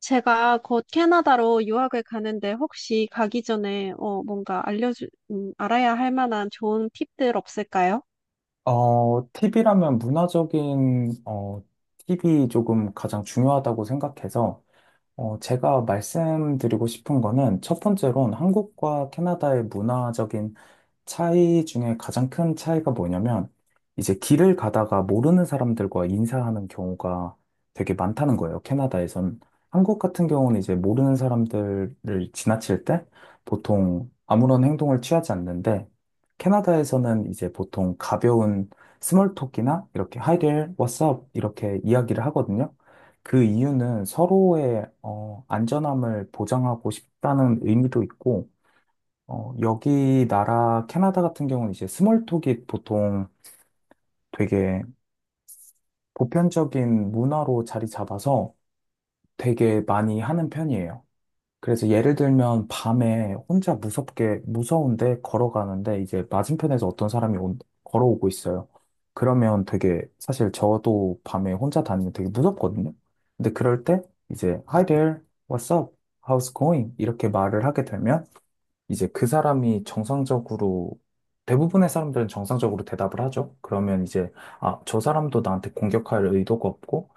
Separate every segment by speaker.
Speaker 1: 제가 곧 캐나다로 유학을 가는데 혹시 가기 전에 뭔가 알아야 할 만한 좋은 팁들 없을까요?
Speaker 2: 팁이라면 문화적인, 팁이 조금 가장 중요하다고 생각해서, 제가 말씀드리고 싶은 거는 첫 번째로는 한국과 캐나다의 문화적인 차이 중에 가장 큰 차이가 뭐냐면, 이제 길을 가다가 모르는 사람들과 인사하는 경우가 되게 많다는 거예요, 캐나다에선. 한국 같은 경우는 이제 모르는 사람들을 지나칠 때 보통 아무런 행동을 취하지 않는데, 캐나다에서는 이제 보통 가벼운 스몰톡이나 이렇게 Hi there, what's up? 이렇게 이야기를 하거든요. 그 이유는 서로의 안전함을 보장하고 싶다는 의미도 있고, 여기 나라 캐나다 같은 경우는 이제 스몰톡이 보통 되게 보편적인 문화로 자리 잡아서 되게 많이 하는 편이에요. 그래서 예를 들면 밤에 혼자 무섭게 무서운데 걸어가는데 이제 맞은편에서 어떤 사람이 걸어오고 있어요. 그러면 되게 사실 저도 밤에 혼자 다니면 되게 무섭거든요. 근데 그럴 때 이제 Hi there, what's up, how's going 이렇게 말을 하게 되면 이제 그 사람이 정상적으로 대부분의 사람들은 정상적으로 대답을 하죠. 그러면 이제 아, 저 사람도 나한테 공격할 의도가 없고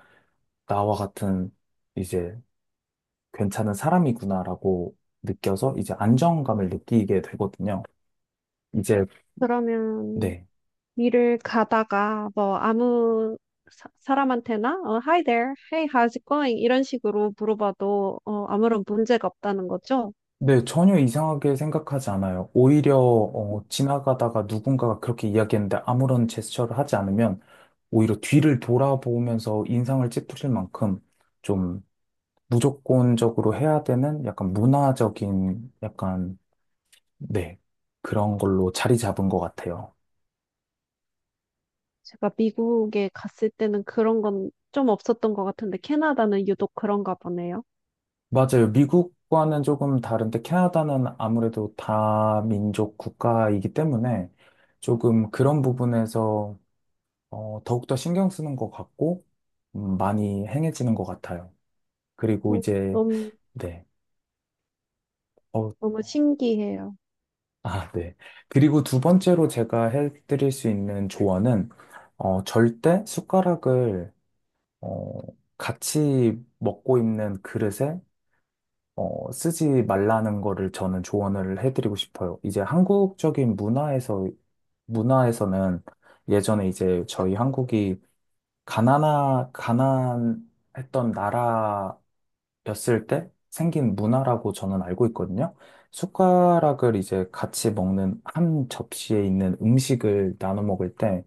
Speaker 2: 나와 같은 이제 괜찮은 사람이구나라고 느껴서 이제 안정감을 느끼게 되거든요. 이제
Speaker 1: 그러면
Speaker 2: 네.
Speaker 1: 일을 가다가 뭐 아무 사람한테나 Hi there, Hey, how's it going? 이런 식으로 물어봐도 아무런 문제가 없다는 거죠?
Speaker 2: 네, 전혀 이상하게 생각하지 않아요. 오히려 지나가다가 누군가가 그렇게 이야기했는데 아무런 제스처를 하지 않으면 오히려 뒤를 돌아보면서 인상을 찌푸릴 만큼 좀 무조건적으로 해야 되는 약간 문화적인 약간, 네, 그런 걸로 자리 잡은 것 같아요.
Speaker 1: 제가 미국에 갔을 때는 그런 건 좀 없었던 것 같은데 캐나다는 유독 그런가 보네요.
Speaker 2: 맞아요. 미국과는 조금 다른데 캐나다는 아무래도 다민족 국가이기 때문에 조금 그런 부분에서 더욱더 신경 쓰는 것 같고 많이 행해지는 것 같아요. 그리고
Speaker 1: 어,
Speaker 2: 이제,
Speaker 1: 너무
Speaker 2: 네. 어,
Speaker 1: 너무 신기해요.
Speaker 2: 아, 네. 그리고 두 번째로 제가 해드릴 수 있는 조언은 절대 숟가락을 어, 같이 먹고 있는 그릇에 쓰지 말라는 거를 저는 조언을 해드리고 싶어요. 이제 한국적인 문화에서는 예전에 이제 저희 한국이 가난하 가난했던 나라였을 때 생긴 문화라고 저는 알고 있거든요. 숟가락을 이제 같이 먹는 한 접시에 있는 음식을 나눠 먹을 때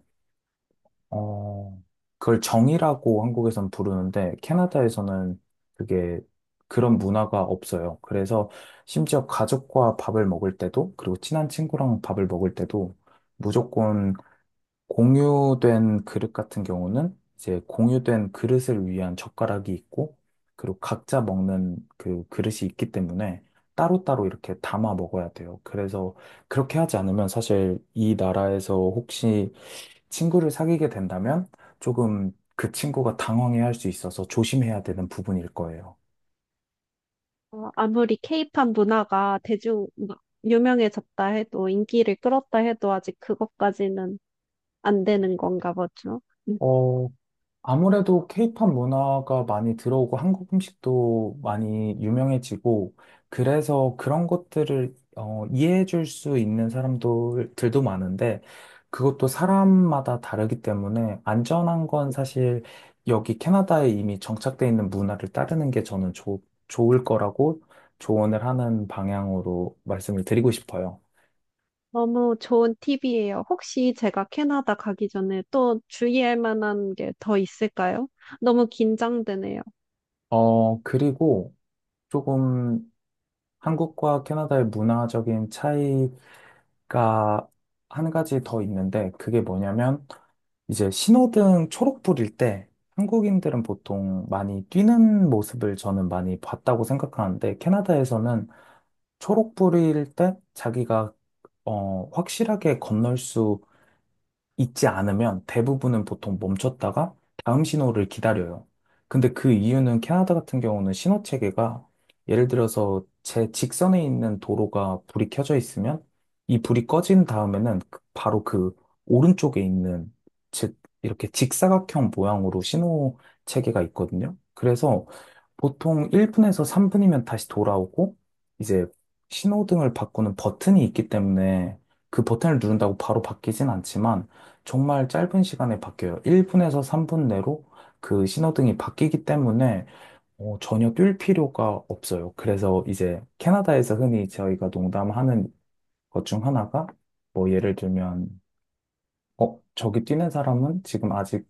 Speaker 2: 어, 그걸 정이라고 한국에선 부르는데 캐나다에서는 그게 그런 문화가 없어요. 그래서 심지어 가족과 밥을 먹을 때도 그리고 친한 친구랑 밥을 먹을 때도 무조건 공유된 그릇 같은 경우는 이제 공유된 그릇을 위한 젓가락이 있고 그리고 각자 먹는 그 그릇이 있기 때문에 따로따로 이렇게 담아 먹어야 돼요. 그래서 그렇게 하지 않으면 사실 이 나라에서 혹시 친구를 사귀게 된다면 조금 그 친구가 당황해 할 수 있어서 조심해야 되는 부분일 거예요.
Speaker 1: 아무리 케이팝 문화가 대중 막 유명해졌다 해도 인기를 끌었다 해도 아직 그것까지는 안 되는 건가 보죠. 음,
Speaker 2: 어, 아무래도 케이팝 문화가 많이 들어오고 한국 음식도 많이 유명해지고 그래서 그런 것들을 이해해 줄 수 있는 사람들도 많은데 그것도 사람마다 다르기 때문에 안전한 건 사실 여기 캐나다에 이미 정착돼 있는 문화를 따르는 게 저는 좋 좋을 거라고 조언을 하는 방향으로 말씀을 드리고 싶어요.
Speaker 1: 너무 좋은 팁이에요. 혹시 제가 캐나다 가기 전에 또 주의할 만한 게 더 있을까요? 너무 긴장되네요.
Speaker 2: 그리고 조금 한국과 캐나다의 문화적인 차이 가 한 가지 더 있는데 그게 뭐냐면 이제 신호등 초록불일 때 한국인들은 보통 많이 뛰는 모습을 저는 많이 봤다고 생각하는데 캐나다에서는 초록불일 때 자기가 확실하게 건널 수 있지 않으면 대부분은 보통 멈췄다가 다음 신호를 기다려요. 근데 그 이유는 캐나다 같은 경우는 신호 체계가 예를 들어서 제 직선에 있는 도로가 불이 켜져 있으면 이 불이 꺼진 다음에는 바로 그 오른쪽에 있는 즉 이렇게 직사각형 모양으로 신호 체계가 있거든요. 그래서 보통 1분에서 3분이면 다시 돌아오고, 이제 신호등을 바꾸는 버튼이 있기 때문에 그 버튼을 누른다고 바로 바뀌진 않지만, 정말 짧은 시간에 바뀌어요. 1분에서 3분 내로 그 신호등이 바뀌기 때문에 전혀 뛸 필요가 없어요. 그래서 이제 캐나다에서 흔히 저희가 농담하는 것 중 하나가, 뭐 예를 들면, 저기 뛰는 사람은 지금 아직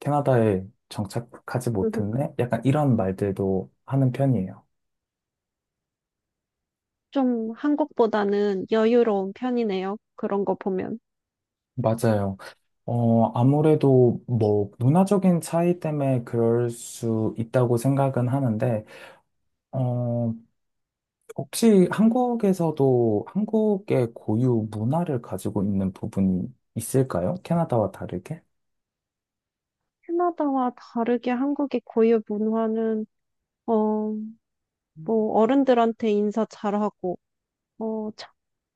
Speaker 2: 캐나다에 정착하지 못했네? 약간 이런 말들도 하는 편이에요.
Speaker 1: 좀 한국보다는 여유로운 편이네요. 그런 거 보면.
Speaker 2: 맞아요. 아무래도 뭐 문화적인 차이 때문에 그럴 수 있다고 생각은 하는데, 어, 혹시 한국에서도 한국의 고유 문화를 가지고 있는 부분이 있을까요? 캐나다와 다르게?
Speaker 1: 캐나다와 다르게 한국의 고유 문화는 어, 뭐 어른들한테 인사 잘하고 어,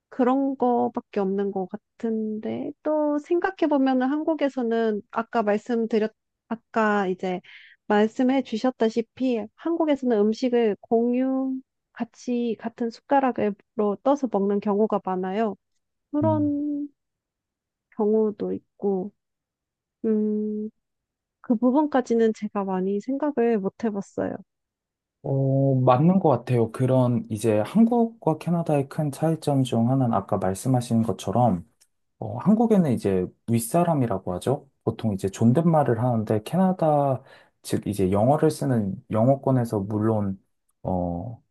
Speaker 1: 그런 거밖에 없는 것 같은데 또 생각해 보면은 한국에서는 아까 이제 말씀해 주셨다시피 한국에서는 음식을 공유 같이 같은 숟가락으로 떠서 먹는 경우가 많아요.
Speaker 2: 음.
Speaker 1: 그런 경우도 있고 음, 그 부분까지는 제가 많이 생각을 못 해봤어요.
Speaker 2: 맞는 것 같아요. 그런 이제 한국과 캐나다의 큰 차이점 중 하나는 아까 말씀하신 것처럼 한국에는 이제 윗사람이라고 하죠. 보통 이제 존댓말을 하는데 캐나다 즉 이제 영어를 쓰는 영어권에서 물론 어,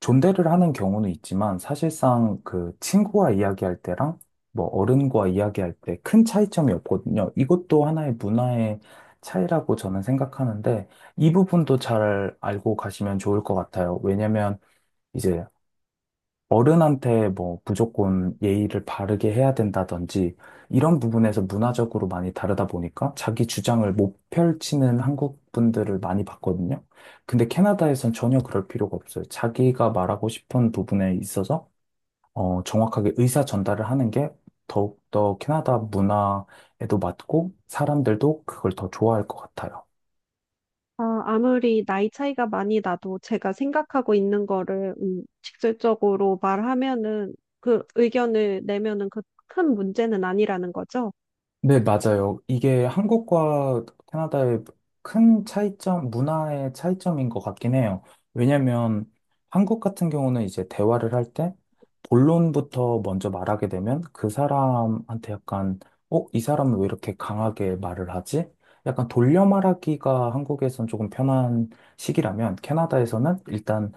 Speaker 2: 존대를 하는 경우는 있지만 사실상 그 친구와 이야기할 때랑 뭐 어른과 이야기할 때 큰 차이점이 없거든요. 이것도 하나의 문화의 차이라고 저는 생각하는데 이 부분도 잘 알고 가시면 좋을 것 같아요. 왜냐면 이제 어른한테 뭐 무조건 예의를 바르게 해야 된다든지 이런 부분에서 문화적으로 많이 다르다 보니까 자기 주장을 못 펼치는 한국 분들을 많이 봤거든요. 근데 캐나다에선 전혀 그럴 필요가 없어요. 자기가 말하고 싶은 부분에 있어서 정확하게 의사 전달을 하는 게 더욱더 캐나다 문화에도 맞고 사람들도 그걸 더 좋아할 것 같아요.
Speaker 1: 아무리 나이 차이가 많이 나도 제가 생각하고 있는 거를 직접적으로 말하면은 그 의견을 내면은 그 큰 문제는 아니라는 거죠.
Speaker 2: 네, 맞아요. 이게 한국과 캐나다의 큰 차이점, 문화의 차이점인 것 같긴 해요. 왜냐면 한국 같은 경우는 이제 대화를 할 때 본론부터 먼저 말하게 되면 그 사람한테 약간, 이 사람은 왜 이렇게 강하게 말을 하지? 약간 돌려 말하기가 한국에선 조금 편한 식이라면 캐나다에서는 일단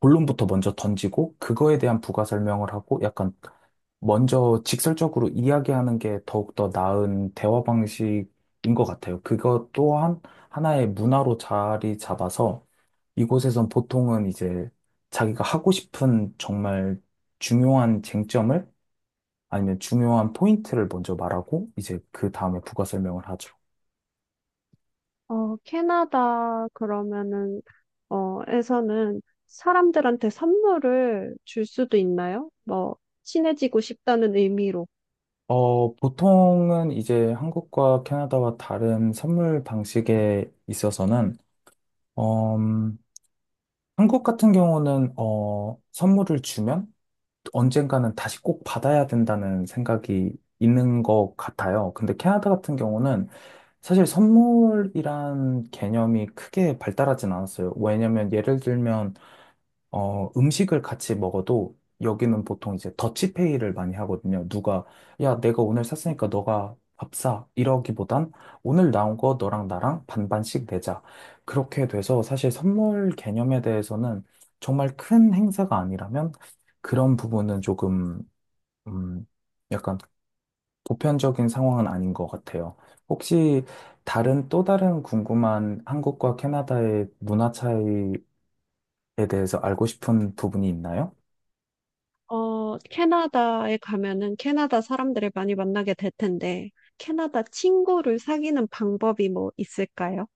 Speaker 2: 본론부터 먼저 던지고 그거에 대한 부가 설명을 하고 약간 먼저 직설적으로 이야기하는 게 더욱더 나은 대화 방식인 것 같아요. 그것 또한 하나의 문화로 자리 잡아서 이곳에선 보통은 이제 자기가 하고 싶은 정말 중요한 쟁점을 아니면 중요한 포인트를 먼저 말하고 이제 그 다음에 부가 설명을 하죠.
Speaker 1: 캐나다 그러면은 에서는 사람들한테 선물을 줄 수도 있나요? 뭐 친해지고 싶다는 의미로.
Speaker 2: 보통은 이제 한국과 캐나다와 다른 선물 방식에 있어서는 음, 한국 같은 경우는 선물을 주면 언젠가는 다시 꼭 받아야 된다는 생각이 있는 것 같아요. 근데 캐나다 같은 경우는 사실 선물이란 개념이 크게 발달하진 않았어요. 왜냐면 예를 들면 음식을 같이 먹어도 여기는 보통 이제 더치페이를 많이 하거든요. 누가, 야, 내가 오늘 샀으니까 너가 밥 사. 이러기보단 오늘 나온 거 너랑 나랑 반반씩 내자. 그렇게 돼서 사실 선물 개념에 대해서는 정말 큰 행사가 아니라면 그런 부분은 조금, 음, 약간 보편적인 상황은 아닌 것 같아요. 혹시 다른 또 다른 궁금한 한국과 캐나다의 문화 차이에 대해서 알고 싶은 부분이 있나요?
Speaker 1: 캐나다에 가면은 캐나다 사람들을 많이 만나게 될 텐데 캐나다 친구를 사귀는 방법이 뭐 있을까요?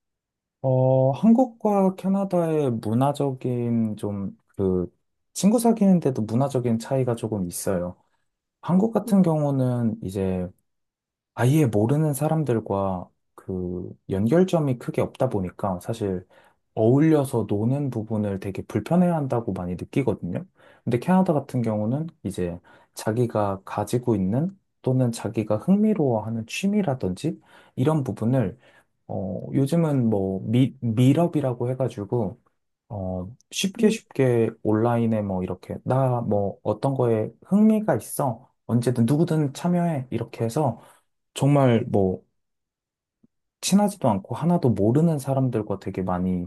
Speaker 2: 한국과 캐나다의 문화적인 좀 그 친구 사귀는데도 문화적인 차이가 조금 있어요. 한국
Speaker 1: 음,
Speaker 2: 같은 경우는 이제 아예 모르는 사람들과 그 연결점이 크게 없다 보니까 사실 어울려서 노는 부분을 되게 불편해한다고 많이 느끼거든요. 근데 캐나다 같은 경우는 이제 자기가 가지고 있는 또는 자기가 흥미로워하는 취미라든지 이런 부분을 요즘은 뭐, 밀업이라고 해가지고, 쉽게
Speaker 1: 음,
Speaker 2: 쉽게 온라인에 뭐, 이렇게, 나 뭐, 어떤 거에 흥미가 있어. 언제든 누구든 참여해. 이렇게 해서, 정말 뭐, 친하지도 않고 하나도 모르는 사람들과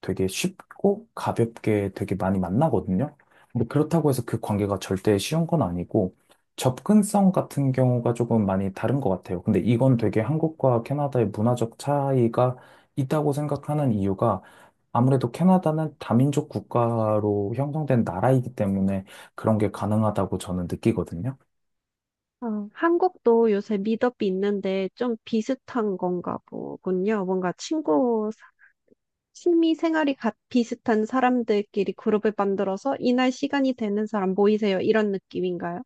Speaker 2: 되게 쉽고 가볍게 되게 많이 만나거든요. 근데 그렇다고 해서 그 관계가 절대 쉬운 건 아니고 접근성 같은 경우가 조금 많이 다른 것 같아요. 근데 이건 되게 한국과 캐나다의 문화적 차이가 있다고 생각하는 이유가 아무래도 캐나다는 다민족 국가로 형성된 나라이기 때문에 그런 게 가능하다고 저는 느끼거든요.
Speaker 1: 한국도 요새 미덥이 있는데 좀 비슷한 건가 보군요. 뭔가 친구 취미 생활이 같 비슷한 사람들끼리 그룹을 만들어서 이날 시간이 되는 사람 모이세요. 이런 느낌인가요?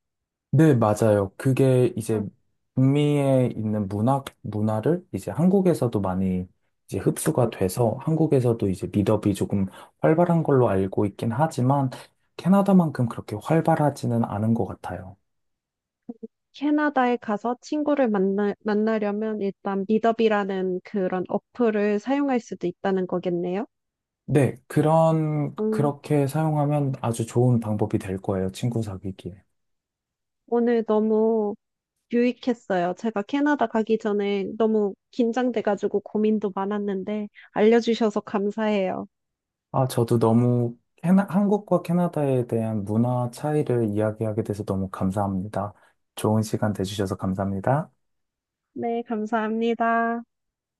Speaker 2: 네, 맞아요. 그게
Speaker 1: 아,
Speaker 2: 이제 북미에 있는 문화를 이제 한국에서도 많이 이제 흡수가
Speaker 1: 음.
Speaker 2: 돼서 한국에서도 이제 미덕이 조금 활발한 걸로 알고 있긴 하지만 캐나다만큼 그렇게 활발하지는 않은 것 같아요.
Speaker 1: 캐나다에 가서 만나려면 일단 미더비라는 그런 어플을 사용할 수도 있다는 거겠네요.
Speaker 2: 네,
Speaker 1: 음,
Speaker 2: 그렇게 사용하면 아주 좋은 방법이 될 거예요. 친구 사귀기에.
Speaker 1: 오늘 너무 유익했어요. 제가 캐나다 가기 전에 너무 긴장돼가지고 고민도 많았는데 알려주셔서 감사해요.
Speaker 2: 아, 저도 너무 한국과 캐나다에 대한 문화 차이를 이야기하게 돼서 너무 감사합니다. 좋은 시간 되주셔서 감사합니다.
Speaker 1: 네, 감사합니다.